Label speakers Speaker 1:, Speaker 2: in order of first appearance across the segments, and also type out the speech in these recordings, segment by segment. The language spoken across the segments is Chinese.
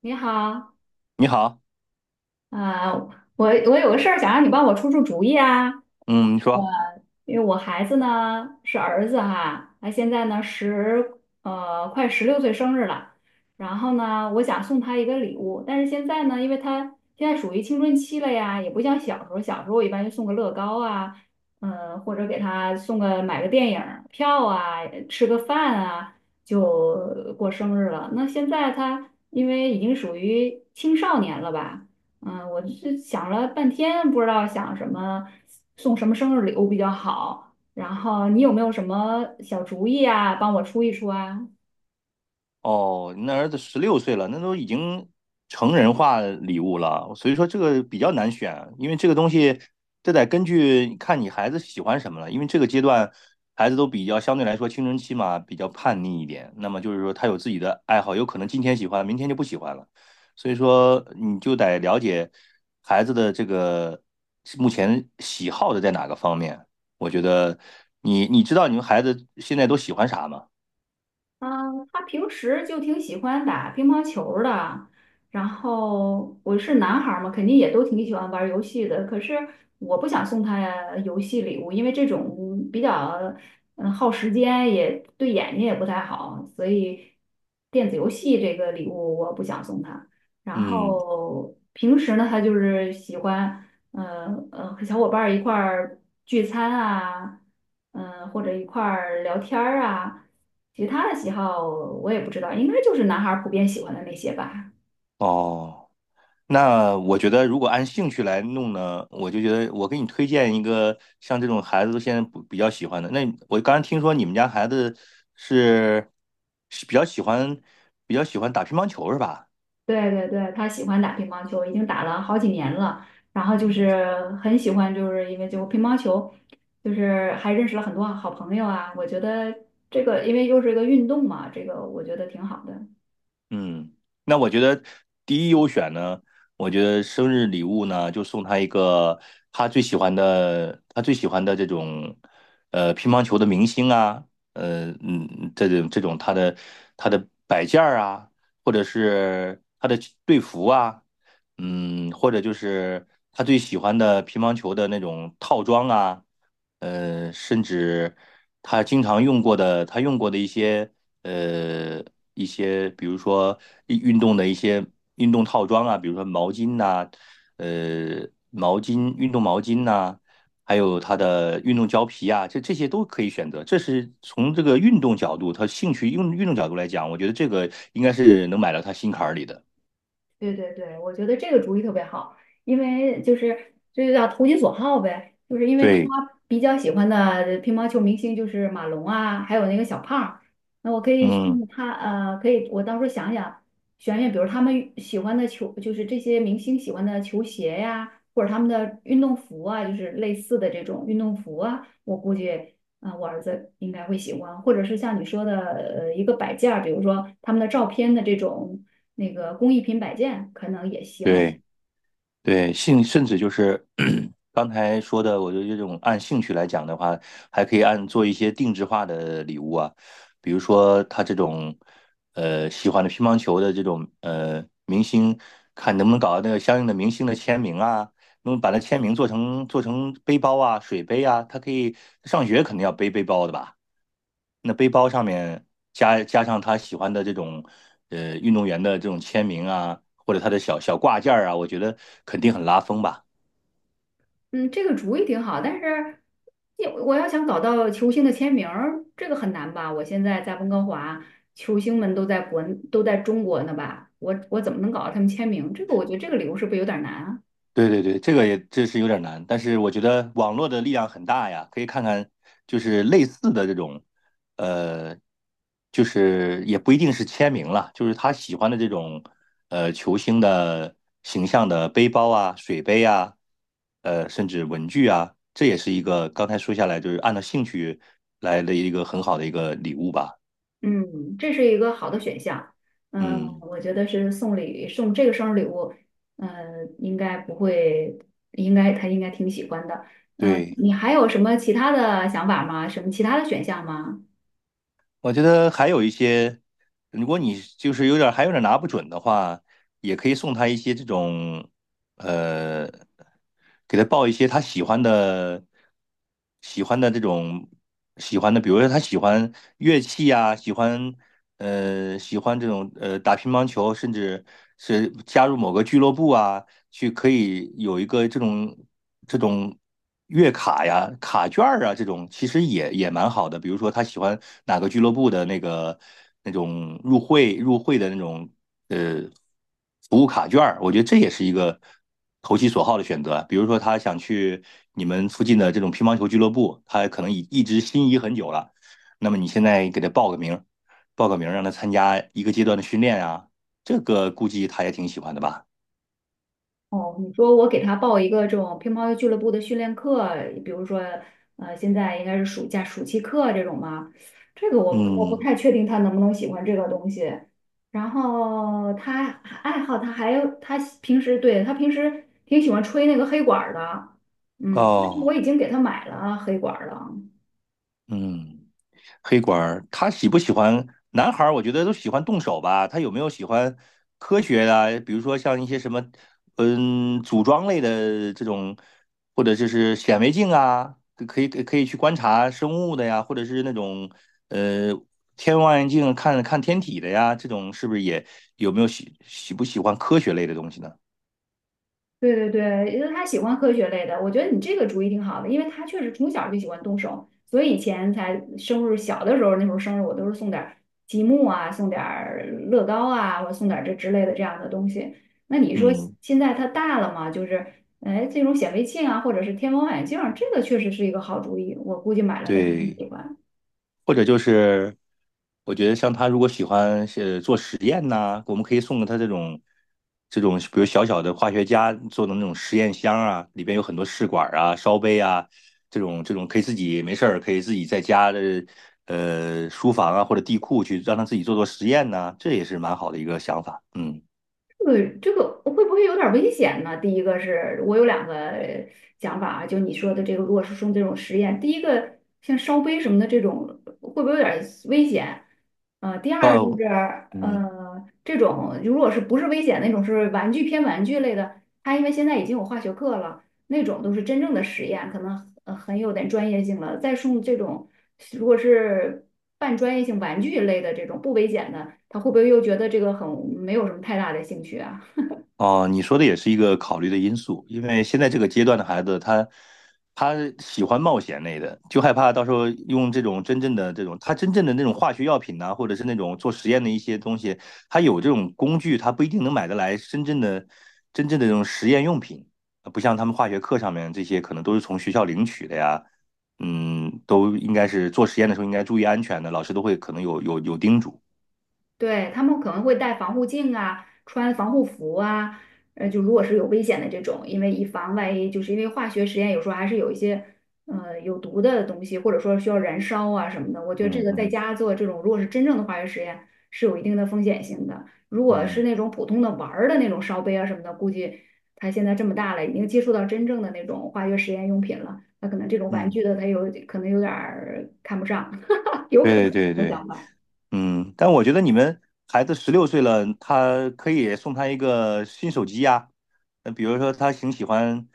Speaker 1: 你好，
Speaker 2: 你好。
Speaker 1: 啊、我有个事儿想让你帮我出出主意啊，
Speaker 2: 嗯，你说。
Speaker 1: 因为我孩子呢是儿子哈，他现在呢快十六岁生日了，然后呢我想送他一个礼物，但是现在呢，因为他现在属于青春期了呀，也不像小时候，小时候我一般就送个乐高啊，嗯、或者给他送个买个电影儿票啊，吃个饭啊，就过生日了。那现在他因为已经属于青少年了吧？嗯，我是想了半天，不知道想什么送什么生日礼物比较好。然后你有没有什么小主意啊，帮我出一出啊？
Speaker 2: 哦，你那儿子十六岁了，那都已经成人化礼物了，所以说这个比较难选。因为这个东西，这得根据看你孩子喜欢什么了，因为这个阶段孩子都比较相对来说青春期嘛，比较叛逆一点。那么就是说他有自己的爱好，有可能今天喜欢，明天就不喜欢了，所以说你就得了解孩子的这个目前喜好的在哪个方面。我觉得你知道你们孩子现在都喜欢啥吗？
Speaker 1: 嗯，他平时就挺喜欢打乒乓球儿的，然后我是男孩儿嘛，肯定也都挺喜欢玩儿游戏的。可是我不想送他游戏礼物，因为这种比较耗时间，也对眼睛也不太好，所以电子游戏这个礼物我不想送他。然
Speaker 2: 嗯。
Speaker 1: 后平时呢，他就是喜欢。和小伙伴儿一块儿聚餐啊，嗯、或者一块儿聊天儿啊。其他的喜好我也不知道，应该就是男孩儿普遍喜欢的那些吧。
Speaker 2: 哦，那我觉得如果按兴趣来弄呢，我就觉得我给你推荐一个像这种孩子都现在不比较喜欢的。那我刚才听说你们家孩子是比较喜欢比较喜欢打乒乓球是吧？
Speaker 1: 对对对，他喜欢打乒乓球，已经打了好几年了。然后就
Speaker 2: 嗯。
Speaker 1: 是很喜欢，就是因为就乒乓球，就是还认识了很多好朋友啊。我觉得这个因为又是一个运动嘛，这个我觉得挺好的。
Speaker 2: 嗯，那我觉得第一优选呢，我觉得生日礼物呢，就送他一个他最喜欢的，他最喜欢的这种，乒乓球的明星啊，这种这种他的他的摆件儿啊，或者是他的队服啊。嗯，或者就是他最喜欢的乒乓球的那种套装啊，甚至他经常用过的，他用过的一些呃一些，比如说运动的一些运动套装啊，比如说毛巾呐、毛巾、运动毛巾呐、还有他的运动胶皮啊，这这些都可以选择。这是从这个运动角度，他兴趣用运动角度来讲，我觉得这个应该是能买到他心坎儿里的。
Speaker 1: 对对对，我觉得这个主意特别好，因为就是这就叫投其所好呗，就是因为他
Speaker 2: 对，
Speaker 1: 比较喜欢的乒乓球明星就是马龙啊，还有那个小胖儿那我可以
Speaker 2: 嗯。
Speaker 1: 送他可以我到时候想想选，比如他们喜欢的球，就是这些明星喜欢的球鞋呀，或者他们的运动服啊，就是类似的这种运动服啊，我估计啊、我儿子应该会喜欢，或者是像你说的，一个摆件儿比如说他们的照片的这种那个工艺品摆件，可能也行。
Speaker 2: 对对，兴甚至就是 刚才说的，我觉得这种按兴趣来讲的话，还可以按做一些定制化的礼物啊，比如说他这种喜欢的乒乓球的这种明星，看能不能搞到那个相应的明星的签名啊，能把那签名做成背包啊、水杯啊，他可以上学肯定要背背包的吧。那背包上面加上他喜欢的这种运动员的这种签名啊，或者他的小小挂件儿啊，我觉得肯定很拉风吧。
Speaker 1: 嗯，这个主意挺好，但是我要想搞到球星的签名儿这个很难吧？我现在在温哥华，球星们都在国，都在中国呢吧？我怎么能搞到他们签名？这个我觉得这个理由是不是有点难啊？
Speaker 2: 对对对，这个也这是有点难，但是我觉得网络的力量很大呀，可以看看就是类似的这种，呃，就是也不一定是签名了，就是他喜欢的这种球星的形象的背包啊、水杯啊，甚至文具啊，这也是一个刚才说下来就是按照兴趣来的一个很好的一个礼物吧。
Speaker 1: 嗯，这是一个好的选项。嗯，
Speaker 2: 嗯，
Speaker 1: 我觉得是送礼送这个生日礼物，嗯，应该不会，应该他应该挺喜欢的。嗯，
Speaker 2: 对。
Speaker 1: 你还有什么其他的想法吗？什么其他的选项吗？
Speaker 2: 我觉得还有一些，如果你就是有点儿还有点儿拿不准的话，也可以送他一些这种，呃，给他报一些他喜欢的、喜欢的这种喜欢的，比如说他喜欢乐器啊，喜欢喜欢这种打乒乓球，甚至是加入某个俱乐部啊，去可以有一个这种这种月卡呀、卡券儿啊，这种其实也也蛮好的。比如说他喜欢哪个俱乐部的那个那种入会的那种呃服务卡券儿，我觉得这也是一个投其所好的选择啊。比如说他想去你们附近的这种乒乓球俱乐部，他可能已一直心仪很久了，那么你现在给他报个名让他参加一个阶段的训练啊，这个估计他也挺喜欢的吧？
Speaker 1: 哦，你说我给他报一个这种乒乓球俱乐部的训练课，比如说，现在应该是暑假暑期课这种吗？这个我不
Speaker 2: 嗯。
Speaker 1: 太确定他能不能喜欢这个东西。然后他爱好，他还有他平时对他平时挺喜欢吹那个黑管儿的，嗯，但是我
Speaker 2: 哦。
Speaker 1: 已经给他买了黑管儿了。
Speaker 2: 嗯，黑管儿，他喜不喜欢男孩儿？我觉得都喜欢动手吧。他有没有喜欢科学的啊比如说像一些什么，嗯，组装类的这种，或者就是显微镜啊，可以去观察生物的呀，或者是那种呃天文望远镜看看天体的呀，这种是不是也有没有喜不喜欢科学类的东西呢？
Speaker 1: 对对对，因为他喜欢科学类的，我觉得你这个主意挺好的，因为他确实从小就喜欢动手，所以以前才生日小的时候，那时候生日我都是送点儿积木啊，送点儿乐高啊，或者送点儿这之类的这样的东西。那你说
Speaker 2: 嗯，
Speaker 1: 现在他大了嘛，就是哎这种显微镜啊，或者是天文望远镜儿这个确实是一个好主意，我估计买了他肯定
Speaker 2: 对。
Speaker 1: 喜欢。
Speaker 2: 或者就是我觉得像他如果喜欢做实验呐、我们可以送给他这种这种，比如小小的化学家做的那种实验箱啊，里边有很多试管啊、烧杯啊，这种这种可以自己没事儿可以自己在家的书房啊或者地库去让他自己做做实验呐、这也是蛮好的一个想法。嗯。
Speaker 1: 这个会不会有点危险呢？第一个是我有两个想法啊，就你说的这个，如果是用这种实验，第一个像烧杯什么的这种，会不会有点危险？呃，第二就
Speaker 2: 哦，
Speaker 1: 是
Speaker 2: 嗯。
Speaker 1: 这种如果是不是危险那种是玩具偏玩具类的，它因为现在已经有化学课了，那种都是真正的实验，可能很有点专业性了。再送这种，如果是半专业性玩具类的这种不危险的，他会不会又觉得这个很没有什么太大的兴趣啊？
Speaker 2: 哦，你说的也是一个考虑的因素，因为现在这个阶段的孩子，他喜欢冒险类的，就害怕到时候用这种真正的这种，他真正的那种化学药品呐、或者是那种做实验的一些东西，他有这种工具，他不一定能买得来真正的这种实验用品，不像他们化学课上面这些可能都是从学校领取的呀。嗯，都应该是做实验的时候应该注意安全的，老师都会可能有叮嘱。
Speaker 1: 对，他们可能会戴防护镜啊，穿防护服啊，就如果是有危险的这种，因为以防万一，就是因为化学实验有时候还是有一些有毒的东西，或者说需要燃烧啊什么的。我觉得这
Speaker 2: 嗯
Speaker 1: 个在
Speaker 2: 嗯
Speaker 1: 家做这种，如果是真正的化学实验，是有一定的风险性的。如果是
Speaker 2: 嗯
Speaker 1: 那种普通的玩儿的那种烧杯啊什么的，估计他现在这么大了，已经接触到真正的那种化学实验用品了，他可能这种玩
Speaker 2: 嗯，
Speaker 1: 具的他有可能有点儿看不上，有可能
Speaker 2: 对对对
Speaker 1: 有想
Speaker 2: 对。
Speaker 1: 法。
Speaker 2: 嗯，但我觉得你们孩子十六岁了，他可以送他一个新手机呀。那比如说他挺喜欢，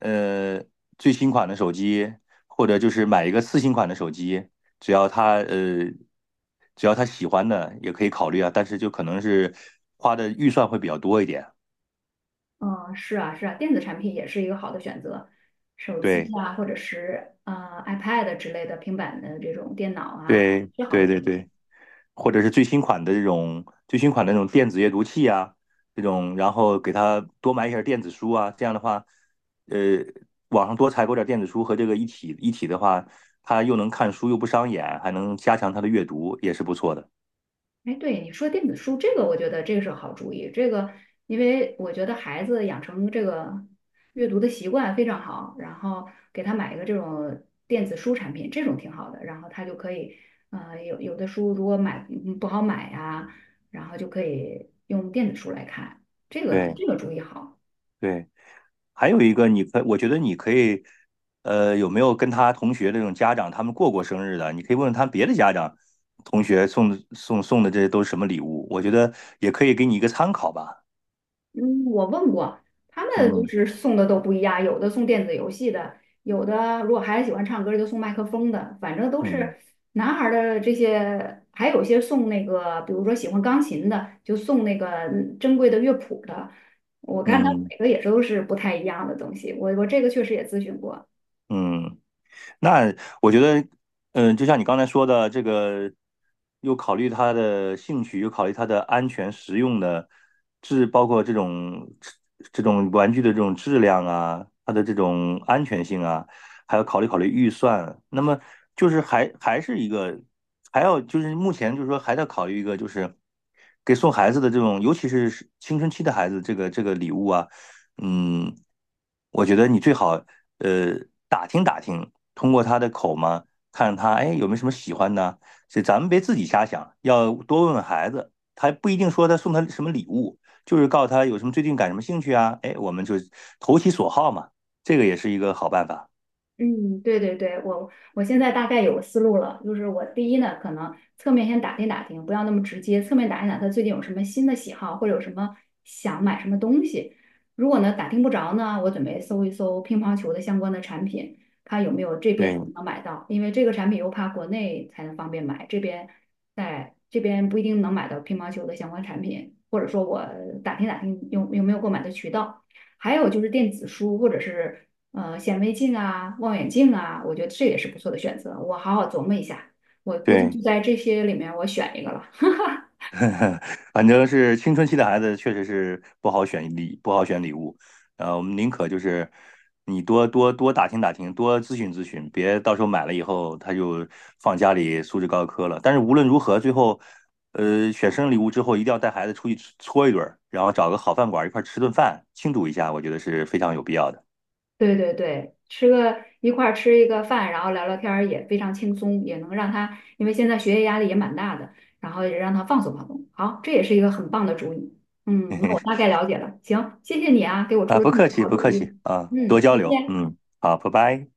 Speaker 2: 呃，最新款的手机，或者就是买一个次新款的手机，只要他只要他喜欢的也可以考虑啊。但是就可能是花的预算会比较多一点。
Speaker 1: 嗯，是啊，是啊，电子产品也是一个好的选择，手机
Speaker 2: 对
Speaker 1: 啊，或者是iPad 之类的平板的这种电脑啊，
Speaker 2: 对
Speaker 1: 是好
Speaker 2: 对
Speaker 1: 的选
Speaker 2: 对
Speaker 1: 择。
Speaker 2: 对。或者是最新款的这种最新款的那种电子阅读器啊，这种，然后给他多买一些电子书啊，这样的话，呃，网上多采购点电子书和这个一体的话，他又能看书又不伤眼，还能加强他的阅读，也是不错的。
Speaker 1: 哎，对，你说电子书这个，我觉得这个是个好主意。这个，因为我觉得孩子养成这个阅读的习惯非常好，然后给他买一个这种电子书产品，这种挺好的，然后他就可以，有的书如果买不好买呀、然后就可以用电子书来看，这个
Speaker 2: 对
Speaker 1: 这个主意好。
Speaker 2: 对，还有一个，你可我觉得你可以，有没有跟他同学这种家长他们过过生日的？你可以问问他别的家长。同学送的这都是什么礼物？我觉得也可以给你一个参考吧。
Speaker 1: 嗯，我问过，他们就
Speaker 2: 嗯
Speaker 1: 是送的都不一样，有的送电子游戏的，有的如果孩子喜欢唱歌就送麦克风的，反正都
Speaker 2: 嗯。
Speaker 1: 是男孩儿的这些，还有一些送那个，比如说喜欢钢琴的，就送那个珍贵的乐谱的。我看他
Speaker 2: 嗯
Speaker 1: 每个也都是不太一样的东西，我这个确实也咨询过。
Speaker 2: 嗯。那我觉得，嗯，就像你刚才说的，这个又考虑他的兴趣，又考虑他的安全、实用的质，包括这种这种玩具的这种质量啊，它的这种安全性啊，还要考虑考虑预算。那么就是还还是一个，还要就是目前就是说还在考虑一个，就是给送孩子的这种，尤其是青春期的孩子，这个这个礼物啊，嗯，我觉得你最好呃打听打听，通过他的口嘛，看他哎有没有什么喜欢的，所以咱们别自己瞎想，要多问问孩子，他不一定说他送他什么礼物，就是告诉他有什么最近感什么兴趣啊，哎，我们就投其所好嘛，这个也是一个好办法。
Speaker 1: 嗯，对对对，我现在大概有个思路了，就是我第一呢，可能侧面先打听打听，不要那么直接，侧面打听打听他最近有什么新的喜好，或者有什么想买什么东西。如果呢打听不着呢，我准备搜一搜乒乓球的相关的产品，看有没有这边能不
Speaker 2: 对
Speaker 1: 能买到，因为这个产品又怕国内才能方便买，这边在这边不一定能买到乒乓球的相关产品，或者说我打听打听有没有购买的渠道。还有就是电子书或者是显微镜啊、望远镜啊，我觉得这也是不错的选择。我好好琢磨一下，我估计就
Speaker 2: 对。
Speaker 1: 在这些里面我选一个了。
Speaker 2: 反正是青春期的孩子，确实是不好选礼，不好选礼物。我们宁可就是你多打听打听，多咨询咨询，别到时候买了以后他就放家里素质高科了。但是无论如何，最后选生日礼物之后，一定要带孩子出去搓一顿儿然后找个好饭馆一块儿吃顿饭，庆祝一下，我觉得是非常有必要的。
Speaker 1: 对对对，吃个一块儿吃一个饭，然后聊聊天儿也非常轻松，也能让他，因为现在学业压力也蛮大的，然后也让他放松放松。好，这也是一个很棒的主意。嗯，那我大概 了解了。行，谢谢你啊，给我出
Speaker 2: 啊，
Speaker 1: 了
Speaker 2: 不
Speaker 1: 这么
Speaker 2: 客
Speaker 1: 多
Speaker 2: 气，
Speaker 1: 好
Speaker 2: 不
Speaker 1: 主
Speaker 2: 客
Speaker 1: 意。
Speaker 2: 气啊，
Speaker 1: 嗯，
Speaker 2: 多交
Speaker 1: 再
Speaker 2: 流。
Speaker 1: 见。
Speaker 2: 嗯，好，拜拜。